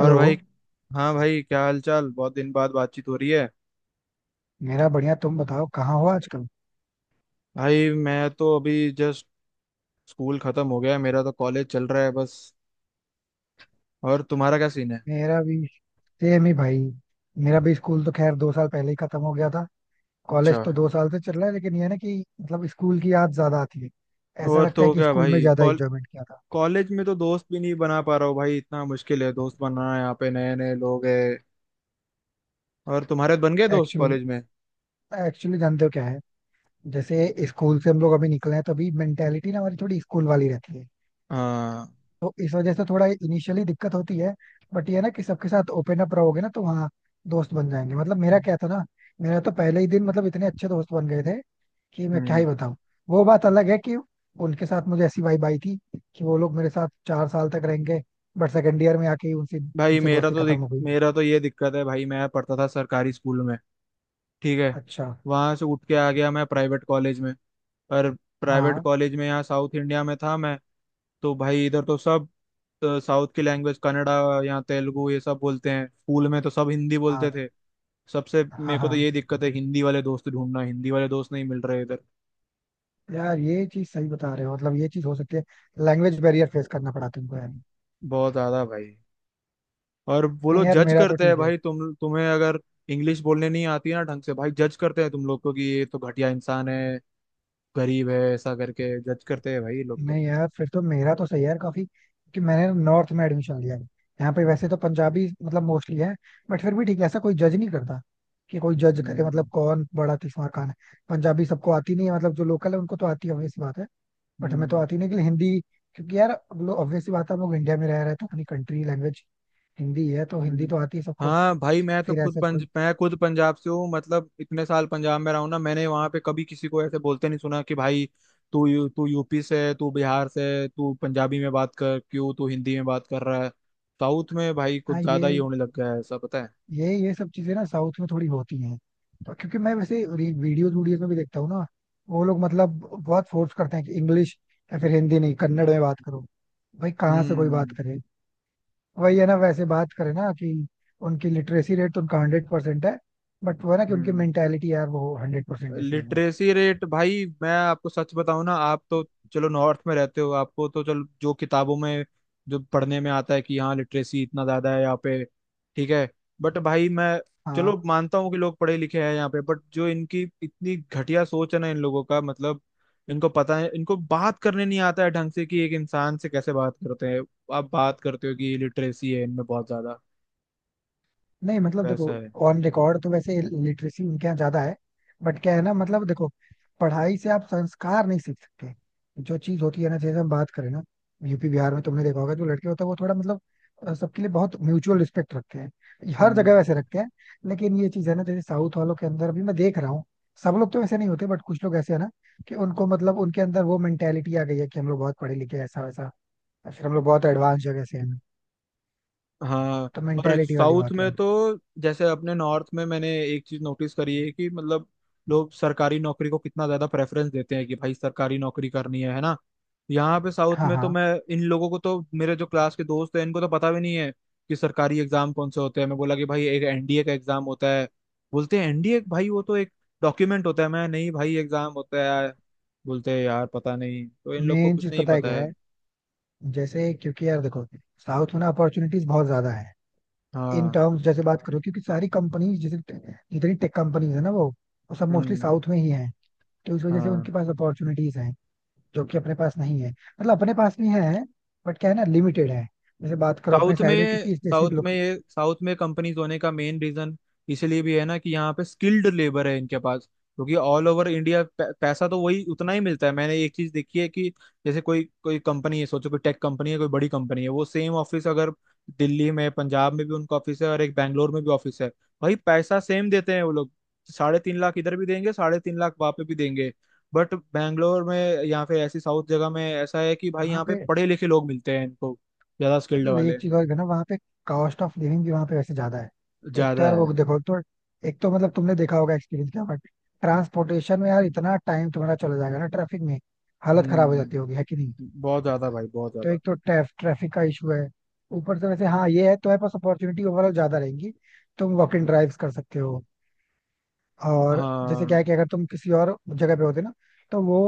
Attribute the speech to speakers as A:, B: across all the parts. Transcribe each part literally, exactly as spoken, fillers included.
A: और भाई। हाँ भाई, क्या हाल चाल, बहुत दिन बाद बातचीत हो रही है।
B: मेरा बढ़िया। तुम बताओ कहाँ हो आजकल?
A: भाई मैं तो अभी जस्ट स्कूल खत्म हो गया है, मेरा तो कॉलेज चल रहा है बस। और तुम्हारा क्या सीन है?
B: मेरा भी सेम ही भाई। मेरा भी स्कूल तो खैर दो साल पहले ही खत्म हो गया था।
A: अच्छा।
B: कॉलेज तो दो साल से चल रहा है, लेकिन ये है ना कि मतलब स्कूल की याद ज्यादा आती है। ऐसा
A: और
B: लगता है
A: तो
B: कि
A: क्या
B: स्कूल में
A: भाई,
B: ज्यादा
A: कॉल
B: एंजॉयमेंट किया था।
A: कॉलेज में तो दोस्त भी नहीं बना पा रहा हूँ भाई, इतना मुश्किल है दोस्त बनाना यहाँ पे, नए नए लोग हैं। और तुम्हारे बन गए दोस्त
B: एक्चुअली
A: कॉलेज में?
B: एक्चुअली जानते हो क्या है, जैसे स्कूल से हम लोग अभी निकले हैं तो अभी मेंटेलिटी ना हमारी थोड़ी स्कूल वाली रहती है।
A: हाँ।
B: तो इस वजह से थोड़ा इनिशियली दिक्कत होती है। बट ये है ना कि सबके साथ ओपन अप रहोगे ना तो वहाँ दोस्त बन जाएंगे, मतलब मेरा क्या था ना, मेरा तो पहले ही दिन मतलब इतने अच्छे दोस्त बन गए थे कि मैं क्या ही
A: हम्म।
B: बताऊं। वो बात अलग है कि उनके साथ मुझे ऐसी वाइब आई थी कि वो लोग मेरे साथ चार साल तक रहेंगे, बट सेकंड ईयर में आके ही उनसे
A: भाई
B: उनसे
A: मेरा
B: दोस्ती
A: तो
B: खत्म
A: दिक,
B: हो गई।
A: मेरा तो ये दिक्कत है भाई, मैं पढ़ता था सरकारी स्कूल में, ठीक है,
B: अच्छा।
A: वहां से उठ के आ गया मैं प्राइवेट कॉलेज में। पर प्राइवेट
B: हाँ
A: कॉलेज में यहाँ साउथ इंडिया में था मैं। तो भाई इधर तो सब साउथ की लैंग्वेज कन्नड़ा, यहाँ तेलुगु ये सब बोलते हैं, स्कूल में तो सब हिंदी
B: हाँ
A: बोलते थे। सबसे
B: हाँ
A: मेरे को तो
B: हाँ।
A: ये दिक्कत है, हिंदी वाले दोस्त ढूंढना, हिंदी वाले दोस्त नहीं मिल रहे इधर।
B: यार ये चीज सही बता रहे हो, मतलब ये चीज हो सकती है। लैंग्वेज बैरियर फेस करना पड़ा तुमको यार।
A: बहुत ज्यादा भाई। और वो
B: नहीं
A: लोग
B: यार
A: जज
B: मेरा तो
A: करते हैं
B: ठीक है।
A: भाई, तुम तुम्हें अगर इंग्लिश बोलने नहीं आती है ना ढंग से, भाई जज करते हैं तुम लोग को कि ये तो घटिया इंसान है, गरीब है, ऐसा करके जज करते हैं भाई ये लोग तो।
B: नहीं यार फिर तो मेरा तो सही है यार काफी, कि मैंने नॉर्थ में एडमिशन लिया है। यहाँ पे वैसे तो पंजाबी मतलब मोस्टली है, बट फिर भी ठीक है, ऐसा कोई जज नहीं करता कि कोई जज करे, मतलब
A: हम्म।
B: कौन बड़ा किस्मार खान है। पंजाबी सबको आती नहीं है, मतलब जो लोकल है उनको तो आती है, ऑब्वियस बात है। बट हमें तो
A: हम्म।
B: आती नहीं, लेकिन हिंदी, क्योंकि यार ऑब्वियस सी बात है, हम लोग इंडिया में रह रहे हैं तो अपनी कंट्री लैंग्वेज हिंदी है, तो हिंदी
A: हम्म।
B: तो आती है सबको।
A: हाँ भाई मैं तो
B: फिर
A: खुद
B: ऐसा
A: पंज
B: कोई।
A: मैं खुद पंजाब से हूँ, मतलब इतने साल पंजाब में रहा हूँ ना, मैंने वहाँ पे कभी किसी को ऐसे बोलते नहीं सुना कि भाई तू यू, तू यू पी से है, तू बिहार से है, तू पंजाबी में बात कर, क्यों तू हिंदी में बात कर रहा है। साउथ में भाई
B: हाँ।
A: कुछ ज्यादा ही
B: ये
A: होने लग गया है ऐसा, पता है।
B: ये ये सब चीजें ना साउथ में थोड़ी होती हैं। और क्योंकि मैं वैसे वीडियोस वीडियोस में भी देखता हूँ ना, वो लोग मतलब बहुत फोर्स करते हैं कि इंग्लिश या फिर हिंदी नहीं, कन्नड़ में बात करो। भाई कहाँ से कोई बात
A: हम्म।
B: करे। वही है ना, वैसे बात करे ना कि उनकी लिटरेसी रेट तो उनका हंड्रेड परसेंट है, बट वो है ना कि उनकी
A: हम्म।
B: मेंटेलिटी यार वो हंड्रेड परसेंट ऐसी नहीं है।
A: लिटरेसी रेट भाई मैं आपको सच बताऊं ना, आप तो चलो नॉर्थ में रहते हो, आपको तो चलो जो किताबों में जो पढ़ने में आता है कि हाँ लिटरेसी इतना ज्यादा है यहाँ पे, ठीक है, बट भाई मैं
B: हाँ।
A: चलो मानता हूँ कि लोग पढ़े लिखे हैं यहाँ पे, बट जो इनकी इतनी घटिया सोच है ना इन लोगों का, मतलब इनको पता है, इनको बात करने नहीं आता है ढंग से कि एक इंसान से कैसे बात करते हैं। आप बात करते हो कि लिटरेसी है इनमें बहुत ज्यादा,
B: नहीं मतलब
A: वैसा
B: देखो,
A: है?
B: ऑन रिकॉर्ड तो वैसे लिटरेसी उनके यहाँ ज्यादा है। बट क्या है ना, मतलब देखो, पढ़ाई से आप संस्कार नहीं सीख सकते। जो चीज होती है ना, जैसे हम बात करें ना, यूपी बिहार में तुमने देखा होगा, जो लड़के होते हैं वो थोड़ा मतलब अ, सबके लिए बहुत म्यूचुअल रिस्पेक्ट रखते हैं, हर जगह
A: हम्म।
B: वैसे रखते हैं। लेकिन ये चीज है ना, जैसे साउथ वालों के अंदर भी मैं देख रहा हूँ, सब लोग तो वैसे नहीं होते, बट कुछ लोग ऐसे है ना कि उनको मतलब उनके अंदर वो मेंटेलिटी आ गई है कि हम लोग बहुत पढ़े लिखे हैं, ऐसा वैसा, या फिर हम लोग बहुत एडवांस जगह से हैं।
A: हाँ।
B: तो
A: और
B: मेंटेलिटी वाली
A: साउथ
B: बात
A: में
B: है।
A: तो जैसे अपने नॉर्थ में मैंने एक चीज नोटिस करी है कि मतलब लोग सरकारी नौकरी को कितना ज्यादा प्रेफरेंस देते हैं कि भाई सरकारी नौकरी करनी है है ना। यहाँ पे साउथ
B: हाँ
A: में तो
B: हाँ।
A: मैं, इन लोगों को तो, मेरे जो क्लास के दोस्त हैं इनको तो पता भी नहीं है कि सरकारी एग्जाम कौन से होते हैं। मैं बोला कि भाई एक एन डी ए का एग्जाम होता है। बोलते हैं एन डी ए भाई वो तो एक डॉक्यूमेंट होता है। मैं, नहीं भाई एग्जाम होता है। बोलते हैं यार पता नहीं, तो इन लोग को
B: मेन
A: कुछ
B: चीज
A: नहीं
B: पता है
A: पता
B: क्या
A: है।
B: है, जैसे क्योंकि यार देखो, साउथ में ना अपॉर्चुनिटीज बहुत ज्यादा है। इन
A: हाँ।
B: टर्म्स जैसे बात करो, क्योंकि सारी कंपनीज जैसे, जितनी टेक कंपनीज है ना वो वो सब मोस्टली
A: हम्म।
B: साउथ में ही है। तो इस वजह से
A: हाँ।
B: उनके पास अपॉर्चुनिटीज हैं, जो कि अपने पास नहीं है, मतलब अपने पास भी है, बट क्या है ना, लिमिटेड है। जैसे बात करो अपने
A: साउथ
B: साइड में,
A: में
B: क्योंकि स्पेसिफिक
A: साउथ में
B: लोग
A: ये साउथ में कंपनीज होने का मेन रीजन इसलिए भी है ना कि यहाँ पे स्किल्ड लेबर है इनके पास, क्योंकि ऑल ओवर इंडिया पैसा तो वही उतना ही मिलता है। मैंने एक चीज देखी है कि जैसे कोई कोई कंपनी है, सोचो कोई टेक कंपनी है, कोई बड़ी कंपनी है, वो सेम ऑफिस अगर दिल्ली में, पंजाब में भी उनका ऑफिस है, और एक बैंगलोर में भी ऑफिस है, भाई पैसा सेम देते हैं वो लोग। साढ़े तीन लाख इधर भी देंगे, साढ़े तीन लाख वहां पे भी देंगे। बट बैंगलोर में या फिर ऐसी साउथ जगह में ऐसा है कि भाई
B: यहाँ
A: यहाँ पे
B: पे,
A: पढ़े लिखे लोग मिलते हैं इनको, ज्यादा स्किल्ड
B: ले,
A: वाले।
B: एक चीज और है ना, वहाँ पे कॉस्ट ऑफ लिविंग भी वहाँ पे वैसे ज्यादा है। एक तो
A: ज्यादा
B: यार
A: है।
B: वो देखो तो, एक तो मतलब तुमने देखा होगा एक्सपीरियंस क्या, बट ट्रांसपोर्टेशन में यार इतना टाइम तुम्हारा चला जाएगा ना ट्रैफिक में। हालत खराब हो जाती होगी
A: हम्म।
B: है कि नहीं।
A: बहुत ज्यादा भाई, बहुत
B: तो
A: ज्यादा।
B: एक तो ट्रैफिक का इशू है, ऊपर से वैसे हाँ ये है, तुम्हारे पास अपॉर्चुनिटी ओवरऑल ज्यादा रहेंगी, तुम वॉक इन ड्राइव्स कर सकते हो। और जैसे क्या
A: हाँ।
B: है कि अगर तुम किसी और जगह पे होते ना, तो वो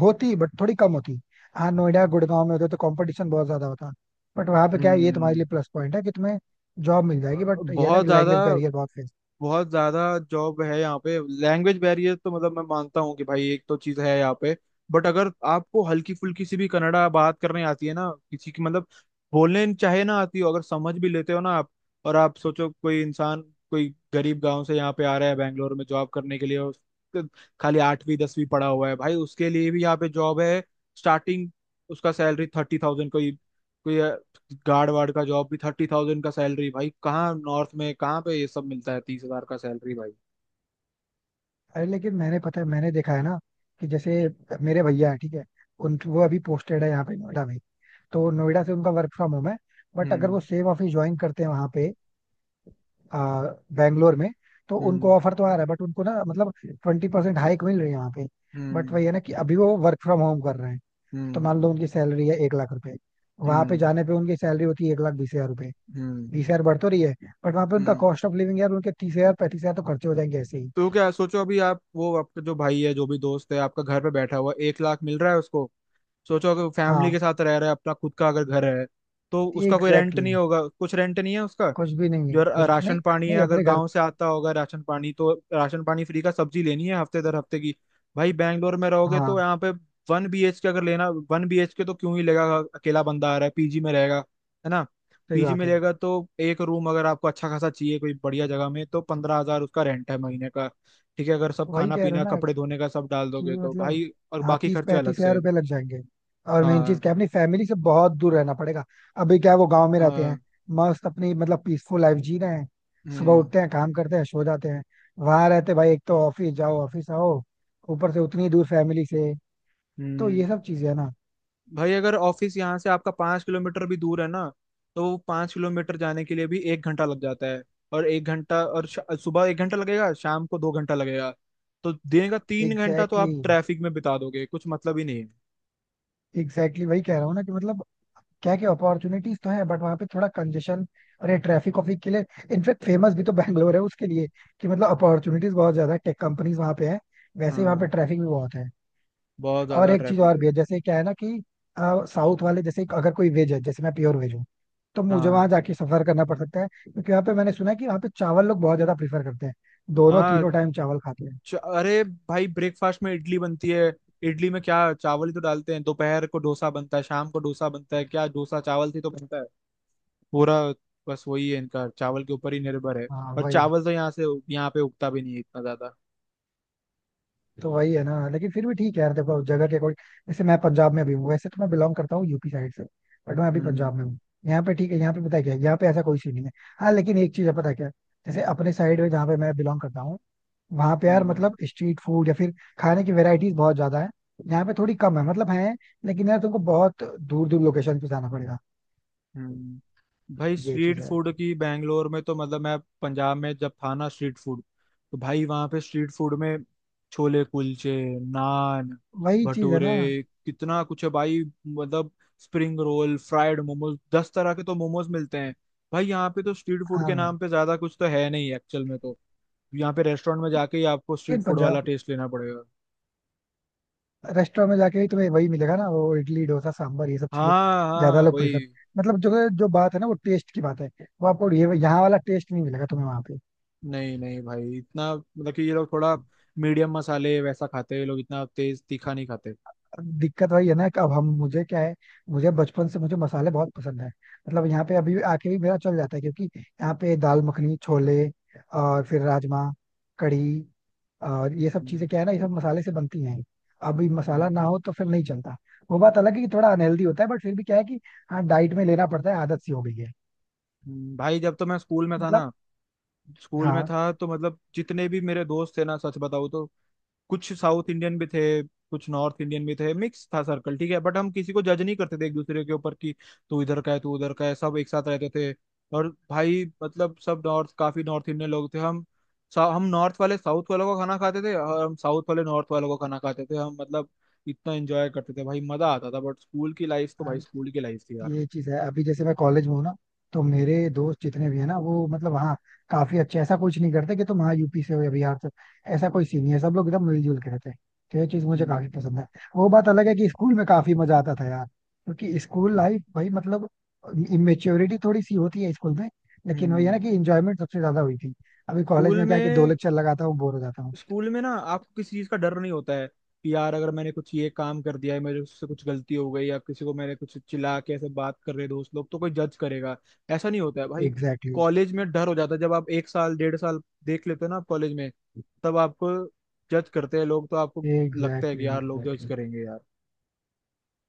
B: होती बट थोड़ी कम होती। हाँ, नोएडा गुड़गांव में होते तो कंपटीशन बहुत ज्यादा होता। बट वहाँ पे क्या है, ये तुम्हारे
A: हम्म।
B: लिए प्लस पॉइंट है कि तुम्हें जॉब मिल जाएगी, बट ये है ना
A: बहुत
B: कि
A: ज्यादा,
B: लैंग्वेज बैरियर बहुत है।
A: बहुत ज्यादा जॉब है यहाँ पे, लैंग्वेज बैरियर तो, मतलब मैं मानता हूँ कि भाई एक तो चीज है यहाँ पे, बट अगर आपको हल्की फुल्की सी भी कन्नड़ा बात करने आती है ना किसी की, मतलब बोलने चाहे ना आती हो, अगर समझ भी लेते हो ना आप। और आप सोचो कोई इंसान, कोई गरीब गांव से यहाँ पे आ रहा है बैंगलोर में जॉब करने के लिए, और उसके खाली आठवीं दसवीं पढ़ा हुआ है, भाई उसके लिए भी यहाँ पे जॉब है। स्टार्टिंग उसका सैलरी थर्टी थाउजेंड, कोई कोई गार्ड वार्ड का जॉब भी थर्टी थाउजेंड का सैलरी। भाई कहाँ नॉर्थ में, कहाँ पे ये सब मिलता है तीस हजार का सैलरी भाई?
B: अरे लेकिन मैंने पता है, मैंने देखा है ना कि जैसे मेरे भैया है ठीक है, उन, वो अभी पोस्टेड है यहाँ पे नोएडा में। तो नोएडा से उनका वर्क फ्रॉम होम है, बट अगर
A: हम्म।
B: वो सेम ऑफिस ज्वाइन करते हैं वहाँ पे, आ, बैंगलोर में, तो
A: हम्म।
B: उनको ऑफर तो आ रहा है, बट उनको ना मतलब ट्वेंटी परसेंट हाइक मिल रही है वहाँ पे। बट
A: हम्म।
B: वही है ना कि अभी वो वर्क फ्रॉम होम कर रहे हैं। तो
A: हम्म।
B: मान लो उनकी सैलरी है एक लाख रुपए, वहां पे
A: हम्म।
B: जाने पे उनकी सैलरी होती है एक लाख बीस हजार रुपए।
A: हम्म।
B: बीस हजार बढ़ तो रही है, बट वहां पे उनका
A: हम्म।
B: कॉस्ट ऑफ लिविंग यार, उनके तीस हजार पैंतीस हजार तो खर्चे हो जाएंगे ऐसे ही।
A: तो क्या सोचो अभी, आप वो आपका जो भाई है, जो भी दोस्त है आपका घर पे बैठा हुआ है, एक लाख मिल रहा है उसको, सोचो अगर फैमिली
B: हाँ
A: के साथ रह रहा है, अपना खुद का अगर घर है, तो उसका कोई रेंट
B: एग्जैक्टली exactly।
A: नहीं होगा, कुछ रेंट नहीं है उसका।
B: कुछ भी नहीं है,
A: जो र-
B: कुछ नहीं।
A: राशन पानी है,
B: नहीं,
A: अगर
B: अपने घर।
A: गांव से आता होगा राशन पानी, तो राशन पानी फ्री का, सब्जी लेनी है हफ्ते दर हफ्ते की। भाई बैंगलोर में रहोगे तो
B: हाँ
A: यहाँ पे वन बी एच के अगर लेना, वन बी एच के तो क्यों ही लेगा? अकेला बंदा आ रहा है पीजी में रहेगा, है ना।
B: सही
A: पीजी
B: बात
A: में
B: है।
A: लेगा तो एक रूम अगर आपको अच्छा खासा चाहिए कोई बढ़िया जगह में, तो पंद्रह हजार उसका रेंट है महीने का। ठीक है, अगर सब
B: वही
A: खाना
B: कह रहा हूँ
A: पीना
B: ना
A: कपड़े धोने का सब डाल
B: कि
A: दोगे तो
B: मतलब,
A: भाई, और
B: हाँ
A: बाकी
B: तीस
A: खर्चे अलग
B: पैंतीस हजार
A: से।
B: रुपये लग जाएंगे। और मेन चीज
A: हाँ।
B: क्या है, अपनी फैमिली से बहुत दूर रहना पड़ेगा। अभी क्या है, वो गांव में रहते हैं।
A: हाँ।
B: मस्त अपनी मतलब पीसफुल लाइफ जी रहे हैं, सुबह
A: हम्म।
B: उठते हैं, काम करते हैं, सो जाते हैं। वहां रहते भाई, एक तो ऑफिस जाओ ऑफिस आओ, ऊपर से उतनी दूर फैमिली से, तो
A: हम्म।
B: ये सब चीजें है ना।
A: भाई अगर ऑफिस यहाँ से आपका पाँच किलोमीटर भी दूर है ना, तो वो पाँच किलोमीटर जाने के लिए भी एक घंटा लग जाता है। और एक घंटा, और श- सुबह एक घंटा लगेगा, शाम को दो घंटा लगेगा, तो दिन का तीन घंटा तो
B: एग्जैक्टली
A: आप
B: exactly,
A: ट्रैफिक में बिता दोगे, कुछ मतलब ही नहीं है।
B: एग्जैक्टली exactly, वही कह रहा हूँ ना कि मतलब, क्या क्या अपॉर्चुनिटीज तो है, बट वहां पे थोड़ा कंजेशन, और ये ट्रैफिक ऑफिक के लिए इनफेक्ट फेमस भी तो बैंगलोर है उसके लिए, कि मतलब अपॉर्चुनिटीज बहुत ज्यादा है, टेक कंपनीज वहां पे है, वैसे ही वहां पे
A: हाँ,
B: ट्रैफिक भी बहुत है।
A: बहुत
B: और
A: ज्यादा
B: एक चीज
A: ट्रैफिक
B: और
A: है।
B: भी है, जैसे क्या है ना कि साउथ वाले, जैसे अगर कोई वेज है, जैसे मैं प्योर वेज हूँ, तो मुझे
A: हाँ।
B: वहां जाके सफर करना पड़ सकता है, क्योंकि वहां पे मैंने सुना है कि वहां पे चावल लोग बहुत ज्यादा प्रीफर करते हैं, दोनों
A: हाँ।
B: तीनों टाइम चावल खाते हैं।
A: च- अरे भाई, ब्रेकफास्ट में इडली बनती है, इडली में क्या चावल ही तो डालते हैं, दोपहर को डोसा बनता है, शाम को डोसा बनता है, क्या डोसा चावल से ही तो बनता है पूरा। बस वही है इनका, चावल के ऊपर ही निर्भर है।
B: हाँ
A: और
B: वही।
A: चावल तो यहाँ से, यहाँ पे उगता भी नहीं है इतना ज्यादा।
B: तो वही है ना, लेकिन फिर भी ठीक है यार, देखो जगह के अकॉर्डिंग, जैसे मैं पंजाब में भी हूँ, वैसे तो मैं बिलोंग करता हूँ यूपी साइड से, बट मैं अभी पंजाब
A: हम्म।
B: में हूँ। यहाँ पे ठीक है, यहाँ पे पता है क्या है, यहाँ पे ऐसा कोई सीन नहीं है। हाँ लेकिन एक चीज है, पता है क्या है? जैसे अपने साइड में, जहाँ पे मैं बिलोंग करता हूँ, वहाँ पे यार
A: हम्म।
B: मतलब स्ट्रीट फूड या फिर खाने की वेराइटीज बहुत ज्यादा है। यहाँ पे थोड़ी कम है, मतलब है, लेकिन यार तुमको बहुत दूर दूर लोकेशन पे जाना पड़ेगा।
A: हम्म। भाई
B: ये चीज
A: स्ट्रीट
B: है।
A: फूड की, बैंगलोर में तो मतलब, मैं पंजाब में जब था ना, स्ट्रीट फूड तो भाई वहाँ पे, स्ट्रीट फूड में छोले कुलचे, नान,
B: वही चीज है ना।
A: भटूरे, कितना कुछ है भाई, मतलब स्प्रिंग रोल, फ्राइड मोमोज, दस तरह के तो मोमोज मिलते हैं भाई। यहाँ पे तो स्ट्रीट फूड के
B: हाँ
A: नाम पे ज्यादा कुछ तो है नहीं एक्चुअल में तो, यहाँ पे रेस्टोरेंट में जाके ही आपको स्ट्रीट
B: लेकिन
A: फूड वाला
B: पंजाब,
A: टेस्ट लेना पड़ेगा।
B: रेस्टोरेंट में जाके ही तुम्हें वही मिलेगा ना, वो इडली डोसा सांभर, ये सब चीजें
A: हाँ
B: ज्यादा
A: हाँ,
B: लोग प्रीफर,
A: वही।
B: मतलब जो जो बात है ना, वो टेस्ट की बात है, वो आपको ये यहाँ वाला टेस्ट नहीं मिलेगा तुम्हें वहाँ पे।
A: नहीं नहीं भाई, इतना, मतलब कि ये लोग थोड़ा मीडियम मसाले वैसा खाते हैं, ये लोग इतना तेज तीखा नहीं खाते।
B: दिक्कत वही है ना कि अब हम, मुझे क्या है, मुझे बचपन से मुझे मसाले बहुत पसंद है, मतलब यहाँ पे अभी आके भी मेरा चल जाता है, क्योंकि यहाँ पे दाल मखनी, छोले और फिर राजमा, कढ़ी और ये सब
A: हम्म।
B: चीजें, क्या है ना, ये सब मसाले से बनती हैं। अभी मसाला
A: हम्म।
B: ना हो तो फिर नहीं चलता। वो बात अलग है कि थोड़ा अनहेल्दी होता है, बट फिर भी क्या है कि हाँ, डाइट में लेना पड़ता है, आदत सी हो गई है।
A: हम्म। भाई जब तो मैं स्कूल में था
B: मतलब।
A: ना, स्कूल में
B: हाँ
A: था तो मतलब जितने भी मेरे दोस्त थे ना, सच बताऊँ तो कुछ साउथ इंडियन भी थे, कुछ नॉर्थ इंडियन भी थे, मिक्स था सर्कल, ठीक है, बट हम किसी को जज नहीं करते थे एक दूसरे के ऊपर कि तू इधर का है, तू उधर का है, सब एक साथ रहते थे। और भाई मतलब सब नॉर्थ, काफी नॉर्थ इंडियन लोग थे हम। सा- हम नॉर्थ वाले साउथ वालों का खाना खाते थे, और हम साउथ वाले नॉर्थ वालों का खाना खाते थे। हम, मतलब इतना एंजॉय करते थे भाई, मजा आता था, बट स्कूल की लाइफ तो
B: हाँ।
A: भाई स्कूल की लाइफ थी यार।
B: ये चीज है, अभी जैसे मैं कॉलेज में हूँ ना, तो मेरे दोस्त जितने भी है ना, वो मतलब हाँ काफी अच्छे, ऐसा कुछ नहीं करते कि तुम हाँ यूपी से हो या बिहार से हो। ऐसा कोई सीन नहीं है, सब लोग एकदम मिलजुल के रहते हैं। तो ये चीज मुझे
A: हम्म।
B: काफी पसंद है। वो बात अलग है कि स्कूल में काफी मजा आता था यार, क्योंकि स्कूल लाइफ भाई मतलब, इमेच्योरिटी थोड़ी सी होती है स्कूल में, लेकिन वही
A: हम्म।
B: है ना कि इंजॉयमेंट सबसे ज्यादा हुई थी। अभी कॉलेज
A: स्कूल
B: में क्या है, कि दो
A: में
B: लेक्चर लगाता हूँ बोर हो जाता हूँ।
A: स्कूल में ना आपको किसी चीज का डर नहीं होता है कि यार अगर मैंने कुछ ये काम कर दिया है, मेरे उससे कुछ गलती हो गई, या किसी को मैंने कुछ चिल्ला के ऐसे बात कर रहे दोस्त लोग तो कोई जज करेगा, ऐसा नहीं होता है भाई।
B: एग्जैक्टली
A: कॉलेज में डर हो जाता है जब आप एक साल डेढ़ साल देख लेते हो ना आप कॉलेज में, तब आपको जज करते हैं लोग, तो आपको लगता है
B: एग्जैक्टली।
A: कि यार लोग जज
B: एग्जैक्टली।
A: करेंगे यार,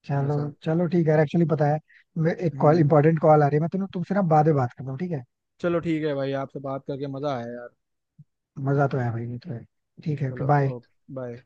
B: चलो।
A: ऐसा।
B: चलो ठीक है, एक्चुअली पता है, मैं एक कॉल
A: हम्म।
B: इंपॉर्टेंट कॉल आ रही है, मैं तुम तुमसे ना बाद में बात करता हूँ ठीक है।
A: चलो ठीक है भाई, आपसे बात करके मजा आया यार।
B: मजा तो है भाई, ये तो है। ठीक है, ओके
A: चलो।
B: बाय।
A: ओके। बाय।